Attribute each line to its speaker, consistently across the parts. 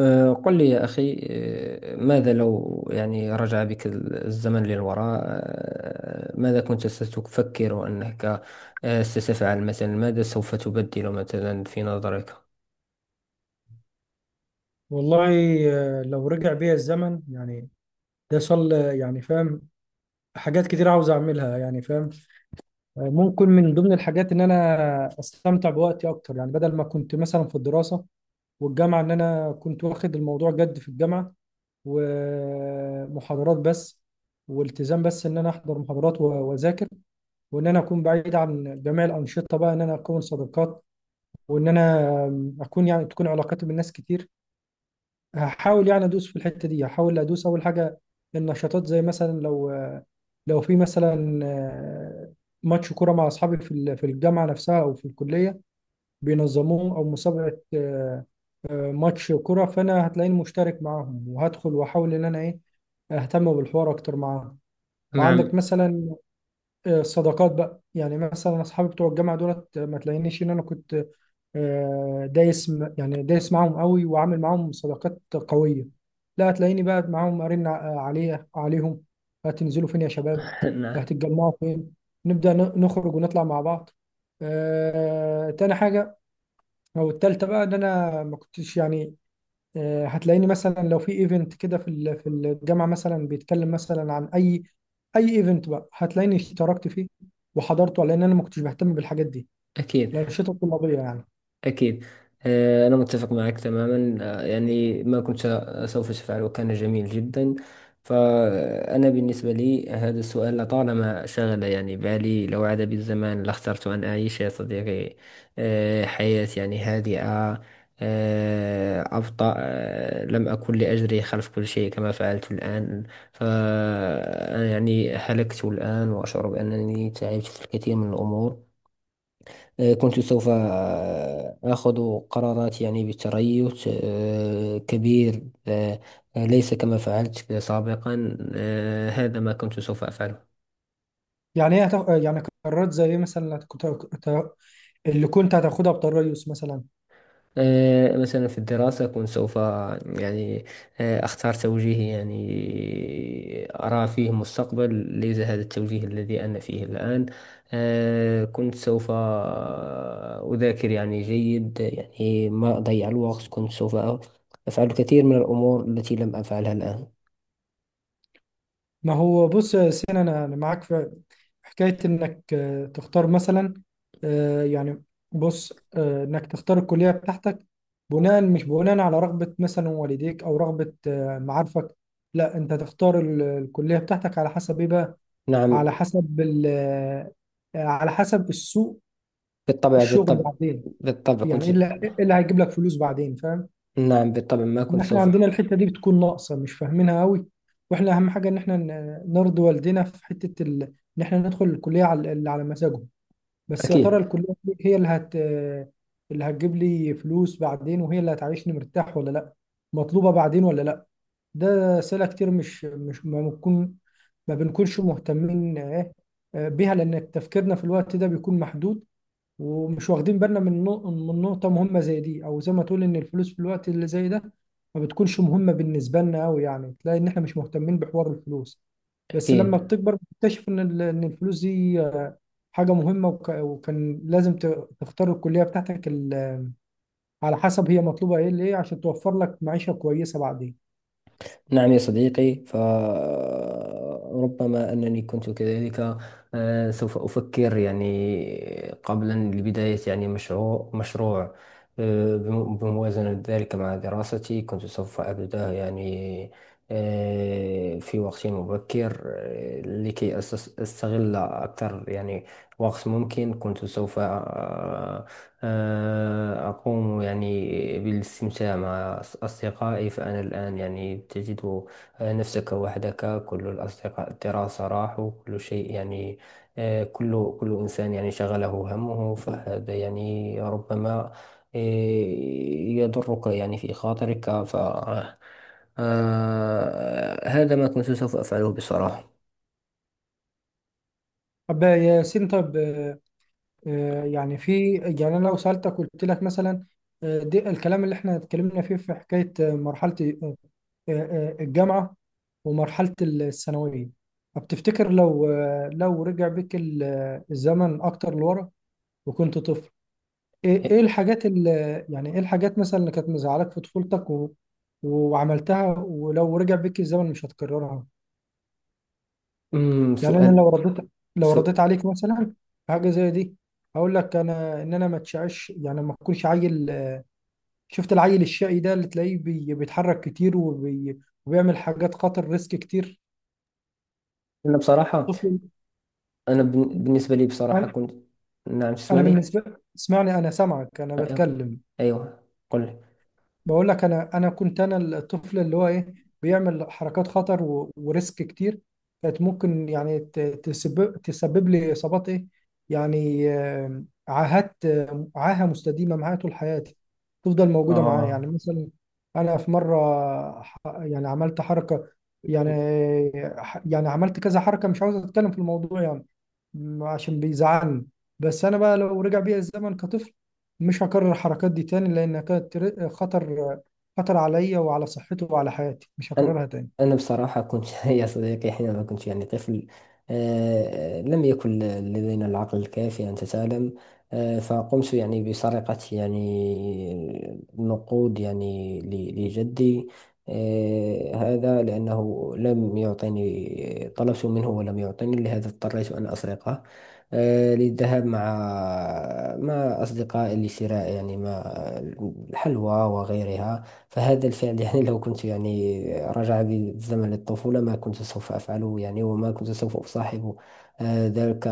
Speaker 1: قل لي يا أخي، ماذا لو يعني رجع بك الزمن للوراء، ماذا كنت ستفكر أنك ستفعل؟ مثلا ماذا سوف تبدل مثلا في نظرك؟
Speaker 2: والله. لو رجع بيا الزمن يعني، ده صل يعني فاهم. حاجات كتير عاوز اعملها يعني فاهم. ممكن من ضمن الحاجات ان انا استمتع بوقتي اكتر، يعني بدل ما كنت مثلا في الدراسة والجامعة ان انا كنت واخد الموضوع جد في الجامعة ومحاضرات بس، والتزام بس ان انا احضر محاضرات واذاكر، وان انا اكون بعيد عن جميع الانشطة، بقى ان انا اكون صداقات، وان انا اكون يعني تكون علاقاتي بالناس كتير. هحاول يعني ادوس في الحته دي، هحاول ادوس اول حاجه النشاطات، زي مثلا لو لو في مثلا ماتش كوره مع اصحابي في الجامعه نفسها او في الكليه بينظموه، او مسابقه ماتش كوره، فانا هتلاقيني مشترك معاهم وهدخل واحاول ان انا ايه اهتم بالحوار اكتر معاهم. وعندك
Speaker 1: نعم.
Speaker 2: مثلا الصداقات بقى، يعني مثلا اصحابي بتوع الجامعه دولت، ما تلاقينيش ان انا كنت دايس يعني دايس معاهم قوي وعامل معاهم صداقات قوية. لا، هتلاقيني بقى معاهم أرن عليه عليهم، هتنزلوا فين يا شباب؟
Speaker 1: نعم.
Speaker 2: هتتجمعوا فين؟ نبدأ نخرج ونطلع مع بعض. تاني حاجة، أو التالتة بقى، إن أنا ما كنتش يعني هتلاقيني مثلا لو في ايفنت كده في الجامعة، مثلا بيتكلم مثلا عن أي أي ايفنت، بقى هتلاقيني اشتركت فيه وحضرته، لأن أنا ما كنتش بهتم بالحاجات دي،
Speaker 1: أكيد.
Speaker 2: الأنشطة الطلابية يعني.
Speaker 1: أكيد. أنا متفق معك تماما. يعني ما كنت سوف أفعله كان جميل جدا. فأنا بالنسبة لي هذا السؤال لطالما شغل يعني بالي. لو عاد بالزمان لاخترت أن أعيش يا صديقي حياة يعني هادئة، أبطأ. لم أكن لأجري خلف كل شيء كما فعلت الآن. فأنا يعني هلكت الآن وأشعر بأنني تعبت في الكثير من الأمور. كنت سوف آخذ قرارات يعني بتريث كبير، ليس كما فعلت سابقا. هذا ما كنت سوف أفعله.
Speaker 2: يعني ايه هتاخ... آه، يعني قرارات زي ايه مثلا؟ اللي كنت هتاخدها بطريقه مثلا.
Speaker 1: مثلا في الدراسة كنت سوف يعني أختار توجيه يعني أرى فيه مستقبل، ليس هذا التوجيه الذي أنا فيه الآن. كنت سوف أذاكر يعني جيد، يعني ما أضيع الوقت. كنت سوف أفعل الكثير من الأمور التي لم أفعلها الآن.
Speaker 2: ما هو بص يا سين، أنا معاك في حكايه انك تختار مثلا آه، يعني بص آه، انك تختار الكليه بتاعتك بناء، مش بناء على رغبه مثلا والديك، او رغبه معارفك. لا، انت تختار الكليه بتاعتك على حسب ايه بقى؟
Speaker 1: نعم.
Speaker 2: على حسب ال... آه، على حسب السوق،
Speaker 1: بالطبع،
Speaker 2: الشغل
Speaker 1: بالطبع.
Speaker 2: بعدين،
Speaker 1: بالطبع كنت.
Speaker 2: يعني ايه إيه اللي هيجيب لك فلوس بعدين؟ فاهم؟
Speaker 1: نعم، بالطبع ما
Speaker 2: إن
Speaker 1: كنت
Speaker 2: احنا
Speaker 1: سوف.
Speaker 2: عندنا الحته دي بتكون ناقصه، مش فاهمينها قوي. واحنا اهم حاجه ان احنا نرضي والدينا في حته ان احنا ندخل الكليه على اللي على مزاجهم. بس يا ترى
Speaker 1: أكيد.
Speaker 2: الكليه دي هي اللي هتجيب لي فلوس بعدين، وهي اللي هتعيشني مرتاح ولا لا؟ مطلوبه بعدين ولا لا؟ ده اسئله كتير، مش ما بنكونش مهتمين بيها، لان تفكيرنا في الوقت ده بيكون محدود، ومش واخدين بالنا من نقطة مهمة زي دي. أو زي ما تقول إن الفلوس في الوقت اللي زي ده ما بتكونش مهمة بالنسبة لنا أوي، يعني تلاقي إن إحنا مش مهتمين بحوار الفلوس. بس لما
Speaker 1: أكيد.
Speaker 2: بتكبر بتكتشف إن إن الفلوس دي حاجة مهمة، وكان لازم تختار الكلية بتاعتك على حسب هي مطلوبة إيه لإيه، عشان توفر لك معيشة كويسة بعدين.
Speaker 1: نعم يا صديقي، فربما أنني كنت كذلك. سوف أفكر يعني قبلا لبداية يعني مشروع مشروع. بموازنة ذلك مع دراستي كنت سوف أبدأه يعني في وقت مبكر، لكي أستغل أكثر يعني وقت ممكن. كنت سوف أقوم يعني بالاستمتاع مع أصدقائي. فأنا الآن يعني تجد نفسك وحدك، كل الأصدقاء الدراسة راحوا، كل شيء يعني كل إنسان يعني شغله همه. فهذا يعني ربما آه، يضرك يعني في خاطرك. ف هذا ما كنت سوف أفعله بصراحة.
Speaker 2: طب يا ياسين، طب آه، آه، يعني في يعني انا لو سالتك، قلت لك مثلا دي الكلام اللي احنا اتكلمنا فيه في حكايه مرحله آه، الجامعه ومرحله الثانويه. طب تفتكر لو لو رجع بيك الزمن اكتر لورا وكنت طفل، ايه
Speaker 1: إيه،
Speaker 2: الحاجات اللي يعني، ايه الحاجات مثلا اللي كانت مزعلك في طفولتك وعملتها، ولو رجع بيك الزمن مش هتكررها؟ يعني انا لو
Speaker 1: سؤال
Speaker 2: رديت،
Speaker 1: سؤال.
Speaker 2: عليك مثلا في حاجه زي دي، هقول لك انا ان انا ما تشعش، يعني ما اكونش عيل. شفت العيل الشقي ده اللي تلاقيه بيتحرك كتير وبيعمل حاجات خطر ريسك كتير،
Speaker 1: أنا بصراحة
Speaker 2: طفل.
Speaker 1: انا بن- بالنسبه لي بصراحه
Speaker 2: انا،
Speaker 1: كنت. نعم،
Speaker 2: أنا
Speaker 1: تسمعني؟
Speaker 2: بالنسبه اسمعني، انا سامعك، انا
Speaker 1: ايوه،
Speaker 2: بتكلم.
Speaker 1: ايوه، قل لي.
Speaker 2: بقول لك انا، انا كنت الطفل اللي هو ايه بيعمل حركات خطر وريسك كتير، كانت ممكن يعني تسبب، تسبب لي اصابات ايه يعني عاهات، عاهه مستديمه معايا طول حياتي، تفضل موجوده معايا. يعني
Speaker 1: اه.
Speaker 2: مثلا انا في مره يعني عملت حركه يعني يعني عملت كذا حركه. مش عاوز اتكلم في الموضوع يعني عشان بيزعلني. بس انا بقى لو رجع بيا الزمن كطفل مش هكرر الحركات دي تاني، لانها كانت خطر، خطر عليا وعلى صحتي وعلى حياتي، مش
Speaker 1: أنا
Speaker 2: هكررها تاني.
Speaker 1: أنا بصراحة كنت، يا صديقي، حينما كنت يعني طفل. لم يكن لدينا العقل الكافي أن تعلم. فقمت يعني بسرقة يعني نقود يعني لجدي. هذا لأنه لم يعطيني، طلبت منه ولم يعطيني، لهذا اضطريت أن أسرقه للذهاب مع أصدقائي لشراء يعني ما الحلوى وغيرها. فهذا الفعل يعني، لو كنت يعني رجع بي الزمن للطفولة ما كنت سوف أفعله يعني. وما كنت سوف أصاحب ذلك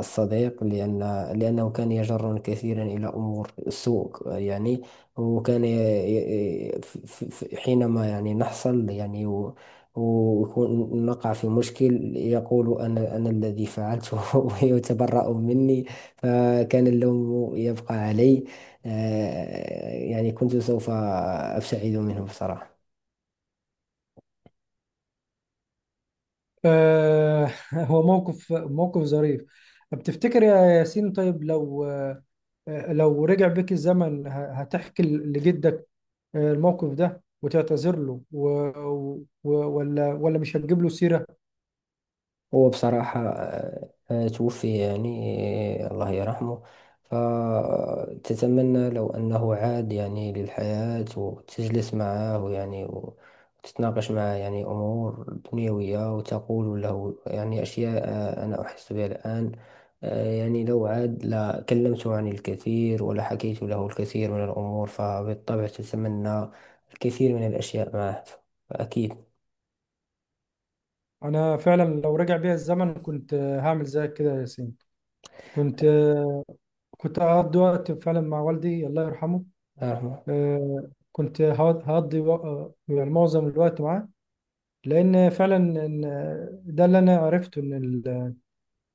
Speaker 1: الصديق، لأنه كان يجرني كثيرا إلى أمور سوء يعني. وكان حينما يعني نحصل يعني ويكون نقع في مشكل، يقول أنا الذي فعلته. ويتبرأ مني، فكان اللوم يبقى علي. يعني كنت سوف أبتعد منهم بصراحة.
Speaker 2: آه هو موقف ظريف. طب تفتكر يا ياسين، طيب لو لو رجع بيك الزمن، هتحكي لجدك الموقف ده وتعتذر له ولا، مش هتجيب له سيرة؟
Speaker 1: هو بصراحة توفي، يعني الله يرحمه. فتتمنى لو أنه عاد يعني للحياة، وتجلس معه يعني وتتناقش معه يعني أمور دنيوية، وتقول له يعني أشياء أنا أحس بها الآن. يعني لو عاد لكلمته عن الكثير، ولحكيت له الكثير من الأمور فبالطبع تتمنى الكثير من الأشياء معه. فأكيد.
Speaker 2: انا فعلا لو رجع بيا الزمن كنت هعمل زيك كده يا ياسين. كنت كنت أقضي وقت فعلا مع والدي، الله يرحمه.
Speaker 1: أرحمه.
Speaker 2: كنت هقضي يعني معظم الوقت معاه، لأن فعلا إن ده اللي أنا عرفته، إن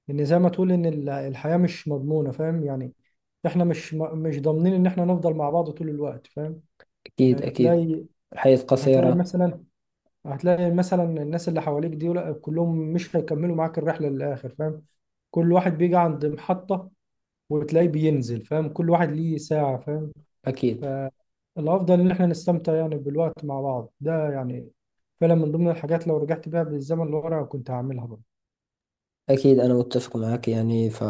Speaker 2: إن زي ما تقول إن الحياة مش مضمونة فاهم يعني. إحنا مش مش ضامنين إن إحنا نفضل مع بعض طول الوقت فاهم.
Speaker 1: أكيد.
Speaker 2: يعني
Speaker 1: أكيد.
Speaker 2: تلاقي،
Speaker 1: الحياة
Speaker 2: هتلاقي
Speaker 1: قصيرة.
Speaker 2: مثلا، هتلاقي مثلا الناس اللي حواليك دي، لا، كلهم مش هيكملوا معاك الرحلة للآخر فاهم. كل واحد بيجي عند محطة وتلاقيه بينزل فاهم، كل واحد ليه ساعة فاهم.
Speaker 1: أكيد.
Speaker 2: فالأفضل إن إحنا نستمتع يعني بالوقت مع بعض ده، يعني فعلا من ضمن الحاجات لو رجعت بيها بالزمن لورا كنت هعملها برضه.
Speaker 1: أكيد، أنا متفق معك يعني. ف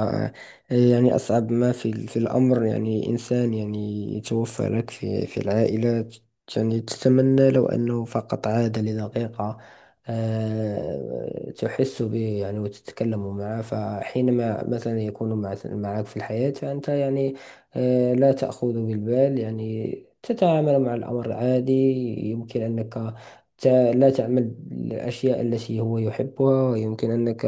Speaker 1: يعني أصعب ما في في الأمر، يعني إنسان يعني يتوفى لك في العائلة. يعني تتمنى لو أنه فقط عاد لدقيقة، تحس به يعني وتتكلم معه. فحينما مثلا يكون معك في الحياة فأنت يعني لا تأخذ بالبال. يعني تتعامل مع الأمر عادي. يمكن أنك لا تعمل الأشياء التي هو يحبها، ويمكن أنك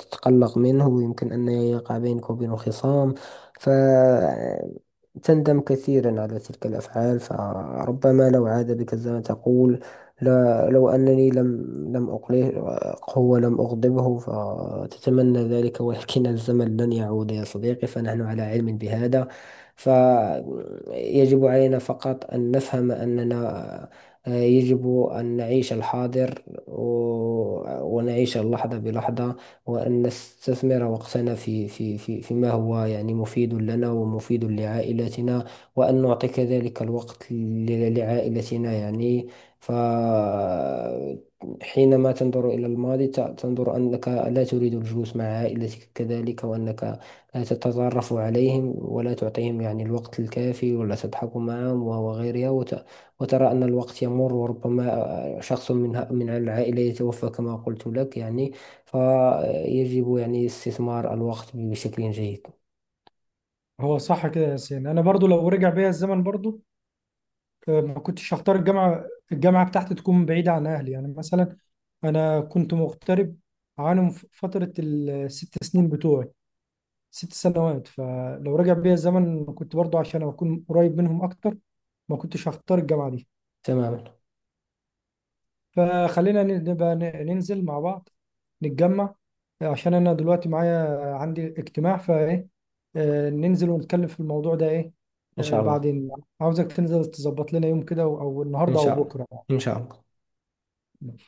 Speaker 1: تتقلق منه، ويمكن أن يقع بينك وبينه خصام. فتندم كثيرا على تلك الأفعال. فربما لو عاد بك الزمن تقول، لا، لو أنني لم أقلقه ولم أغضبه، فتتمنى ذلك. ولكن الزمن لن يعود يا صديقي، فنحن على علم بهذا. فيجب علينا فقط أن نفهم أننا يجب أن نعيش الحاضر، ونعيش اللحظة بلحظة، وأن نستثمر وقتنا في فيما هو يعني مفيد لنا ومفيد لعائلتنا. وأن نعطي كذلك الوقت لعائلتنا يعني. ف حينما تنظر إلى الماضي، تنظر أنك لا تريد الجلوس مع عائلتك كذلك، وأنك لا تتطرف عليهم ولا تعطيهم يعني الوقت الكافي ولا تضحك معهم وغيرها. وترى أن الوقت يمر، وربما شخص من العائلة يتوفى كما قلت لك يعني. فيجب يعني استثمار الوقت بشكل جيد.
Speaker 2: هو صح كده يا ياسين، أنا برضه لو رجع بيا الزمن برضه ما كنتش هختار الجامعة. الجامعة بتاعتي تكون بعيدة عن أهلي، يعني مثلا أنا كنت مغترب عنهم في فترة ال6 سنين بتوعي، 6 سنوات. فلو رجع بيا الزمن كنت برضه، عشان أكون قريب منهم أكتر، ما كنتش هختار الجامعة دي.
Speaker 1: تماما.
Speaker 2: فخلينا نبقى ننزل مع بعض، نتجمع، عشان انا دلوقتي معايا، عندي اجتماع فايه. ننزل ونتكلم في الموضوع ده ايه
Speaker 1: إن شاء الله.
Speaker 2: بعدين. عاوزك تنزل تظبط لنا يوم كده، او
Speaker 1: إن
Speaker 2: النهارده او
Speaker 1: شاء الله.
Speaker 2: بكره
Speaker 1: إن شاء الله.
Speaker 2: يعني.